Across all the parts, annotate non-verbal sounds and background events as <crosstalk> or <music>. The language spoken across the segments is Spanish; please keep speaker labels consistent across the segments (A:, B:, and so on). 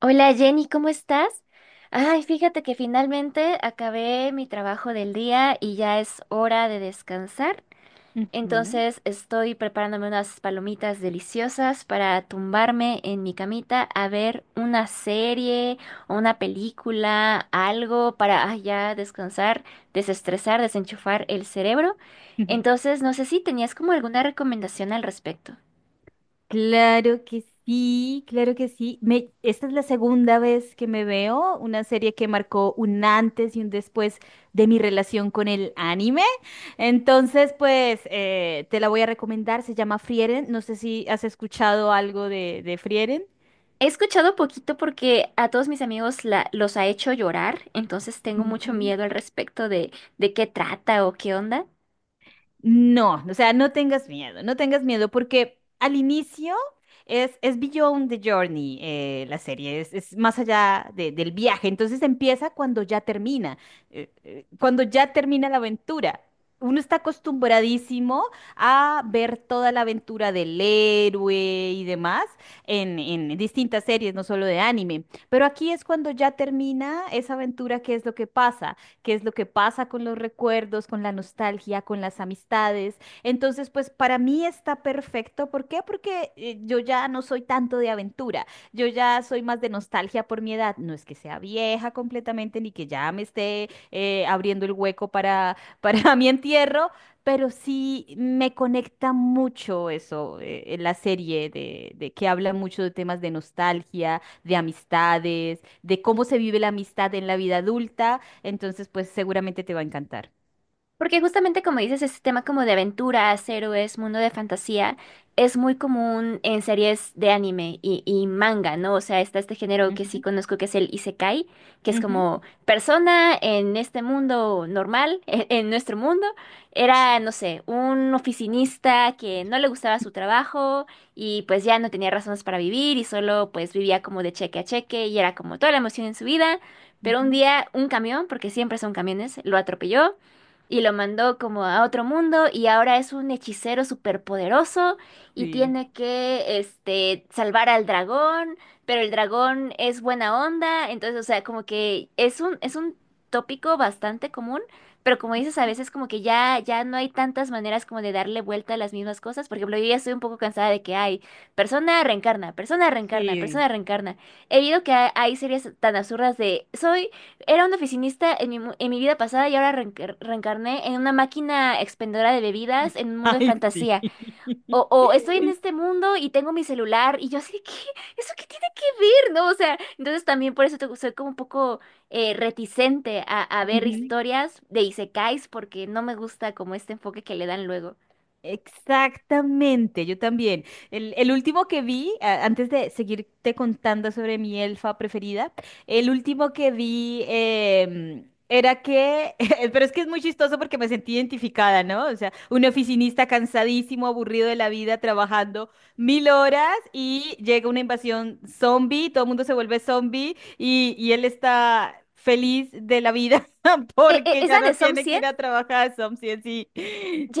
A: Hola Jenny, ¿cómo estás? Ay, fíjate que finalmente acabé mi trabajo del día y ya es hora de descansar.
B: Ujú.
A: Entonces estoy preparándome unas palomitas deliciosas para tumbarme en mi camita a ver una serie o una película, algo para ya descansar, desestresar, desenchufar el cerebro.
B: <laughs>
A: Entonces, no sé si tenías como alguna recomendación al respecto.
B: Claro que sí, claro que sí. Esta es la segunda vez que me veo una serie que marcó un antes y un después de mi relación con el anime. Entonces, pues te la voy a recomendar. Se llama Frieren. No sé si has escuchado algo de Frieren.
A: He escuchado poquito porque a todos mis amigos los ha hecho llorar, entonces tengo mucho
B: Ujú.
A: miedo al respecto de qué trata o qué onda.
B: No, o sea, no tengas miedo, no tengas miedo, porque al inicio es Beyond the Journey, la serie, es más allá del viaje, entonces empieza cuando ya termina la aventura. Uno está acostumbradísimo a ver toda la aventura del héroe y demás en distintas series, no solo de anime, pero aquí es cuando ya termina esa aventura, qué es lo que pasa qué es lo que pasa con los recuerdos, con la nostalgia, con las amistades. Entonces, pues para mí está perfecto. ¿Por qué? Porque yo ya no soy tanto de aventura. Yo ya soy más de nostalgia por mi edad. No es que sea vieja completamente ni que ya me esté abriendo el hueco para, <laughs> para mi entierro, pero sí me conecta mucho eso, la serie de que habla mucho de temas de nostalgia, de amistades, de cómo se vive la amistad en la vida adulta, entonces, pues seguramente te va a encantar.
A: Porque justamente como dices, este tema como de aventuras, héroes, mundo de fantasía, es muy común en series de anime y manga, ¿no? O sea, está este género que sí
B: Ujú,
A: conozco que es el isekai, que es
B: ujú,
A: como persona en este mundo normal, <laughs> en nuestro mundo, era, no sé, un oficinista que no le gustaba su trabajo y pues ya no tenía razones para vivir y solo pues vivía como de cheque a cheque y era como toda la emoción en su vida. Pero un
B: ujú.
A: día un camión, porque siempre son camiones, lo atropelló y lo mandó como a otro mundo y ahora es un hechicero superpoderoso y
B: Sí,
A: tiene que este salvar al dragón, pero el dragón es buena onda, entonces, o sea, como que es un tópico bastante común, pero como dices, a veces como que ya no hay tantas maneras como de darle vuelta a las mismas cosas, por ejemplo, yo ya estoy un poco cansada de que hay persona reencarna, persona reencarna,
B: sí.
A: persona reencarna. He oído que hay series tan absurdas de soy era un oficinista en en mi vida pasada y ahora reencarné en una máquina expendedora de bebidas en un mundo de
B: Ay, sí.
A: fantasía. O estoy en
B: <laughs>
A: este mundo y tengo mi celular y yo así de, ¿qué? ¿Eso qué tiene que ver? ¿No? O sea, entonces también por eso soy como un poco reticente a ver
B: Ujú.
A: historias de isekais porque no me gusta como este enfoque que le dan luego.
B: Exactamente, yo también. El último que vi, antes de seguirte contando sobre mi elfa preferida, el último que vi era que, <laughs> pero es que es muy chistoso porque me sentí identificada, ¿no? O sea, un oficinista cansadísimo, aburrido de la vida, trabajando mil horas y llega una invasión zombie, todo el mundo se vuelve zombie y él está feliz de la vida <laughs> porque
A: ¿Es
B: ya
A: la de
B: no
A: Som
B: tiene que
A: 100?
B: ir a trabajar, zombie. Sí,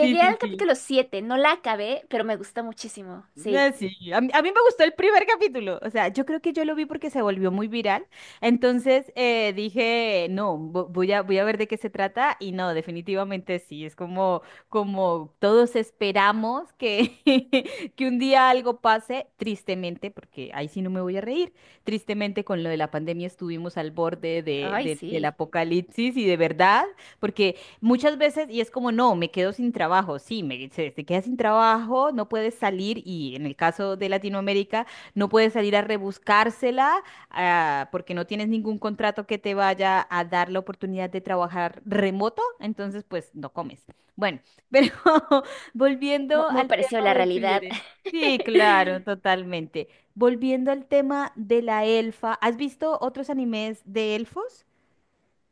B: sí, sí,
A: al
B: sí, sí.
A: capítulo siete, no la acabé, pero me gusta muchísimo.
B: No,
A: Sí.
B: sí, a mí me gustó el primer capítulo, o sea, yo creo que yo lo vi porque se volvió muy viral, entonces dije, no, voy a ver de qué se trata y no, definitivamente sí, es como, como todos esperamos que, <laughs> que un día algo pase, tristemente, porque ahí sí no me voy a reír, tristemente con lo de la pandemia estuvimos al borde de,
A: Ay,
B: del
A: sí.
B: apocalipsis y de verdad, porque muchas veces, y es como, no, me quedo sin trabajo. Sí, te quedas sin trabajo, no puedes salir, y en el caso de Latinoamérica, no puedes salir a rebuscársela, ah, porque no tienes ningún contrato que te vaya a dar la oportunidad de trabajar remoto, entonces pues no comes. Bueno, pero <laughs> volviendo
A: Muy
B: al
A: parecido a
B: tema
A: la
B: de
A: realidad.
B: Friere. Sí, claro,
A: <laughs>
B: totalmente. Volviendo al tema de la elfa, ¿has visto otros animes de elfos?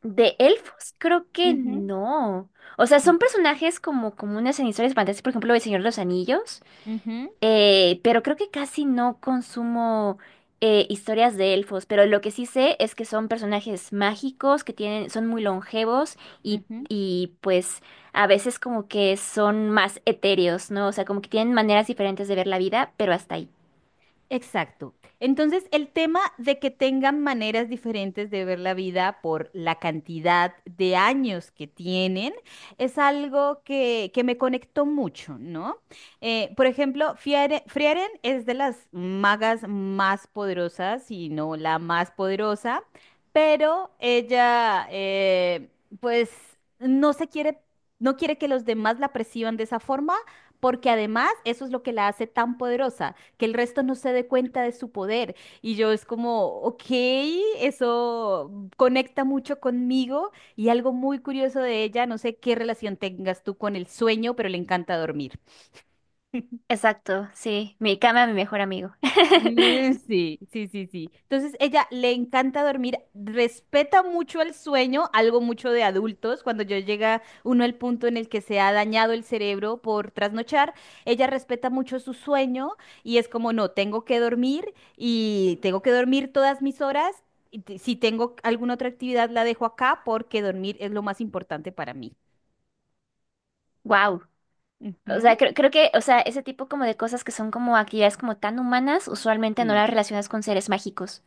A: De elfos, creo que
B: Ujú,
A: no. O sea, son personajes como comunes en historias fantásticas, por ejemplo, El Señor de los Anillos.
B: ujú,
A: Pero creo que casi no consumo historias de elfos. Pero lo que sí sé es que son personajes mágicos, que tienen, son muy longevos
B: ujú.
A: y pues a veces como que son más etéreos, ¿no? O sea, como que tienen maneras diferentes de ver la vida, pero hasta ahí.
B: Exacto. Entonces, el tema de que tengan maneras diferentes de ver la vida por la cantidad de años que tienen es algo que me conectó mucho, ¿no? Por ejemplo, Frieren es de las magas más poderosas, si no la más poderosa, pero ella, pues, no se quiere, no quiere que los demás la perciban de esa forma, porque además eso es lo que la hace tan poderosa que el resto no se dé cuenta de su poder. Y yo es como, ok, eso conecta mucho conmigo y algo muy curioso de ella, no sé qué relación tengas tú con el sueño, pero le encanta dormir. <laughs>
A: Exacto, sí. Mi cama, mi mejor amigo. <laughs>
B: Mm, sí, sí, sí, sí. Entonces, ella le encanta dormir, respeta mucho el sueño, algo mucho de adultos. Cuando yo llega uno al punto en el que se ha dañado el cerebro por trasnochar, ella respeta mucho su sueño y es como, no, tengo que dormir y tengo que dormir todas mis horas. Si tengo alguna otra actividad, la dejo acá porque dormir es lo más importante para mí.
A: Wow. O sea,
B: Ujú,
A: creo, creo que, o sea, ese tipo como de cosas que son como actividades como tan humanas, usualmente no
B: sí.
A: las relacionas con seres mágicos.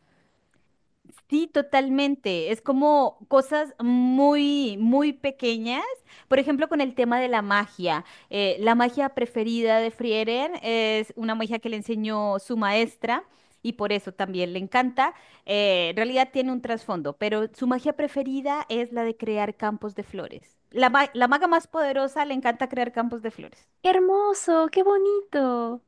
B: Sí, totalmente. Es como cosas muy, muy pequeñas. Por ejemplo, con el tema de la magia. La magia preferida de Frieren es una magia que le enseñó su maestra y por eso también le encanta. En realidad tiene un trasfondo, pero su magia preferida es la de crear campos de flores. La, la maga más poderosa le encanta crear campos de flores.
A: ¡Qué hermoso! ¡Qué bonito!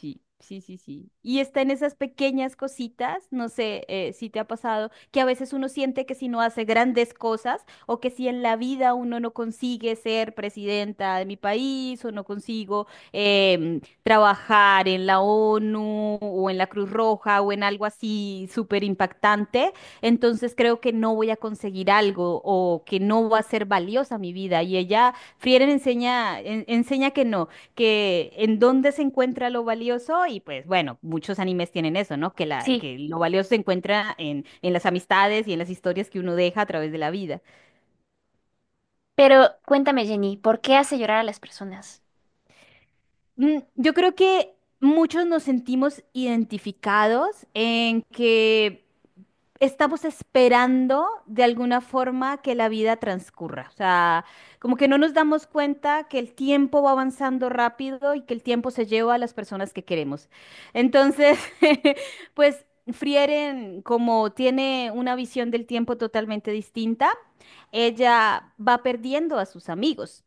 B: Sí, sí, sí, sí. Y está en esas pequeñas cositas, no sé si te ha pasado, que a veces uno siente que si no hace grandes cosas o que si en la vida uno no consigue ser presidenta de mi país o no consigo trabajar en la ONU o en la Cruz Roja o en algo así súper impactante, entonces creo que no voy a conseguir algo o que no va a ser valiosa mi vida. Y ella, Frieren enseña, enseña que no, que en dónde se encuentra lo valioso y pues bueno, muchos animes tienen eso, ¿no?
A: Sí,
B: Que lo valioso se encuentra en las amistades y en las historias que uno deja a través de la vida.
A: pero cuéntame, Jenny, ¿por qué hace llorar a las personas?
B: Mm, yo creo que muchos nos sentimos identificados en que estamos esperando de alguna forma que la vida transcurra. O sea, como que no nos damos cuenta que el tiempo va avanzando rápido y que el tiempo se lleva a las personas que queremos. Entonces, <laughs> pues Frieren, como tiene una visión del tiempo totalmente distinta, ella va perdiendo a sus amigos.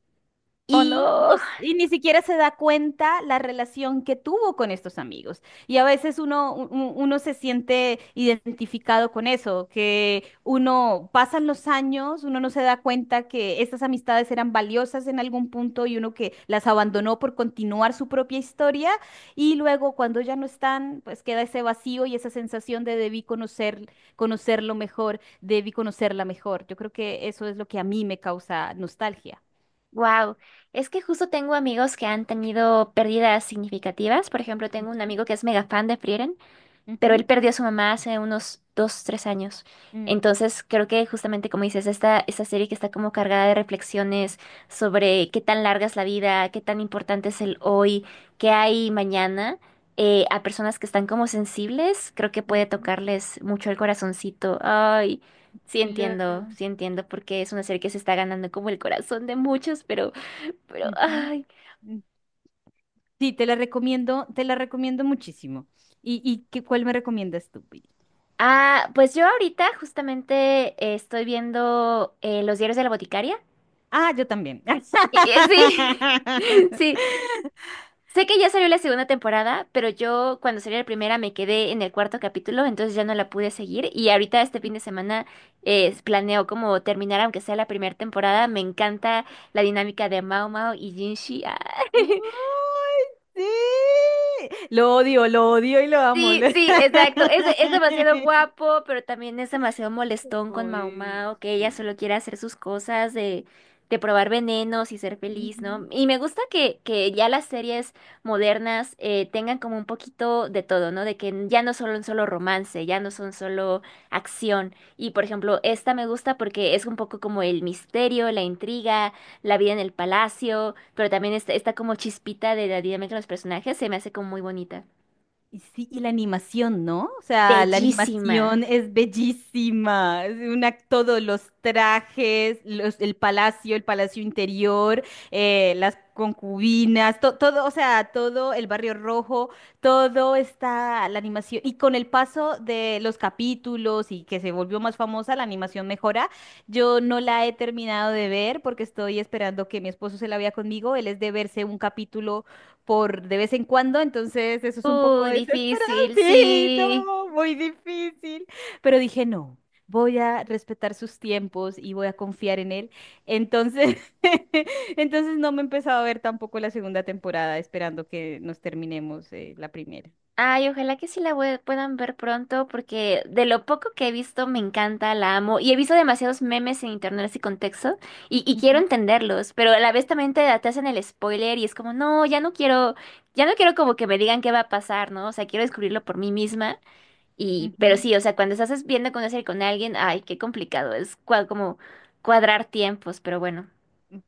A: ¡Oh,
B: Y,
A: no!
B: pues, y ni siquiera se da cuenta la relación que tuvo con estos amigos. Y a veces uno, uno se siente identificado con eso, que uno pasan los años, uno no se da cuenta que estas amistades eran valiosas en algún punto y uno que las abandonó por continuar su propia historia. Y luego cuando ya no están, pues queda ese vacío y esa sensación de debí conocer, conocerlo mejor, debí conocerla mejor. Yo creo que eso es lo que a mí me causa nostalgia.
A: ¡Wow! Es que justo tengo amigos que han tenido pérdidas significativas. Por ejemplo, tengo un amigo que es mega fan de Frieren. Pero él
B: Ujú,
A: perdió a su mamá hace unos dos, tres años.
B: mm.
A: Entonces, creo que justamente como dices, esta serie que está como cargada de reflexiones sobre qué tan larga es la vida, qué tan importante es el hoy, qué hay mañana, a personas que están como sensibles, creo que puede
B: Ujú,
A: tocarles mucho el corazoncito. Ay,
B: claro.
A: sí entiendo, porque es una serie que se está ganando como el corazón de muchos, pero,
B: Ujú,
A: ay.
B: mm. Sí, te la recomiendo muchísimo. ¿¿Y cuál me recomiendas tú, Pili?
A: Ah, pues yo ahorita justamente estoy viendo Los diarios de la boticaria.
B: Ah, yo también. <laughs> ¡Ay,
A: Sí, <laughs> sí. Sé que ya salió la segunda temporada, pero yo cuando salió la primera me quedé en el cuarto capítulo, entonces ya no la pude seguir. Y ahorita este fin de semana planeo como terminar, aunque sea la primera temporada. Me encanta la dinámica de Mao Mao y Jinshi. Ah. <laughs>
B: sí! Lo odio y lo amo. <laughs>
A: Sí,
B: Lo-
A: sí, exacto. Es, es demasiado guapo, pero también es demasiado molestón con Mao
B: Ay,
A: Mao, que ella
B: sí.
A: solo quiere hacer sus cosas de probar venenos y ser feliz,
B: Ujú.
A: ¿no? Y me gusta que ya las series modernas tengan como un poquito de todo, ¿no? De que ya no son solo romance, ya no son solo acción. Y por ejemplo, esta me gusta porque es un poco como el misterio, la intriga, la vida en el palacio, pero también está, está como chispita de la dinámica de los personajes, se me hace como muy bonita.
B: Y sí, y la animación, ¿no? O sea, la
A: Bellísima.
B: animación es bellísima. Es una, todos los trajes, los, el palacio interior, las concubinas, todo, o sea, todo el barrio rojo, todo está la animación. Y con el paso de los capítulos y que se volvió más famosa, la animación mejora. Yo no la he terminado de ver porque estoy esperando que mi esposo se la vea conmigo. Él es de verse un capítulo por de vez en cuando, entonces eso es un poco
A: Uy,
B: desesperado.
A: difícil,
B: Sí, <laughs>
A: sí.
B: no, muy difícil. Pero dije, no, voy a respetar sus tiempos y voy a confiar en él. Entonces, <laughs> entonces no me he empezado a ver tampoco la segunda temporada, esperando que nos terminemos la primera.
A: Ay, ojalá que sí la puedan ver pronto, porque de lo poco que he visto me encanta, la amo. Y he visto demasiados memes en internet así con texto, y quiero
B: Ujú,
A: entenderlos, pero a la vez también te hacen el spoiler y es como, no, ya no quiero como que me digan qué va a pasar, ¿no? O sea, quiero descubrirlo por mí misma. Y, pero
B: ujú.
A: sí, o sea, cuando estás viendo con serie con alguien, ay, qué complicado, es como cuadrar tiempos, pero bueno.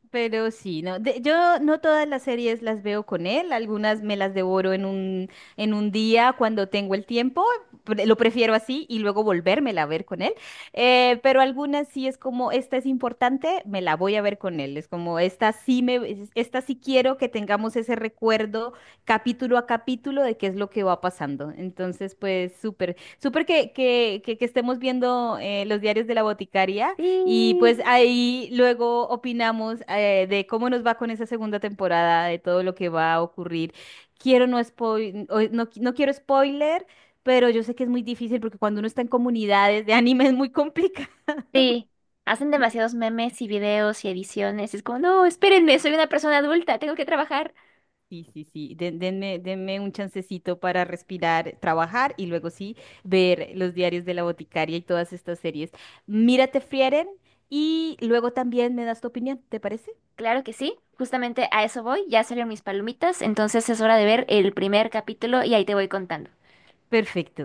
B: Pero sí, no. Yo no todas las series las veo con él, algunas me las devoro en un día cuando tengo el tiempo, lo prefiero así y luego volvérmela a ver con él. Pero algunas sí es como, esta es importante, me la voy a ver con él. Es como, esta sí quiero que tengamos ese recuerdo capítulo a capítulo de qué es lo que va pasando. Entonces, pues súper, súper que estemos viendo los diarios de la boticaria y
A: Sí.
B: pues ahí luego opinamos de cómo nos va con esa segunda temporada, de todo lo que va a ocurrir. Quiero no spoil, no quiero spoiler, pero yo sé que es muy difícil porque cuando uno está en comunidades de anime es muy complicado. <laughs>
A: Sí, hacen demasiados memes y videos y ediciones. Es como, no, espérenme, soy una persona adulta, tengo que trabajar.
B: Sí, sí, sí. Denme, denme un chancecito para respirar, trabajar y luego sí ver los diarios de la boticaria y todas estas series. Mírate, Frieren, y luego también me das tu opinión, ¿te parece?
A: Claro que sí, justamente a eso voy. Ya salieron mis palomitas, entonces es hora de ver el primer capítulo y ahí te voy contando.
B: Perfecto.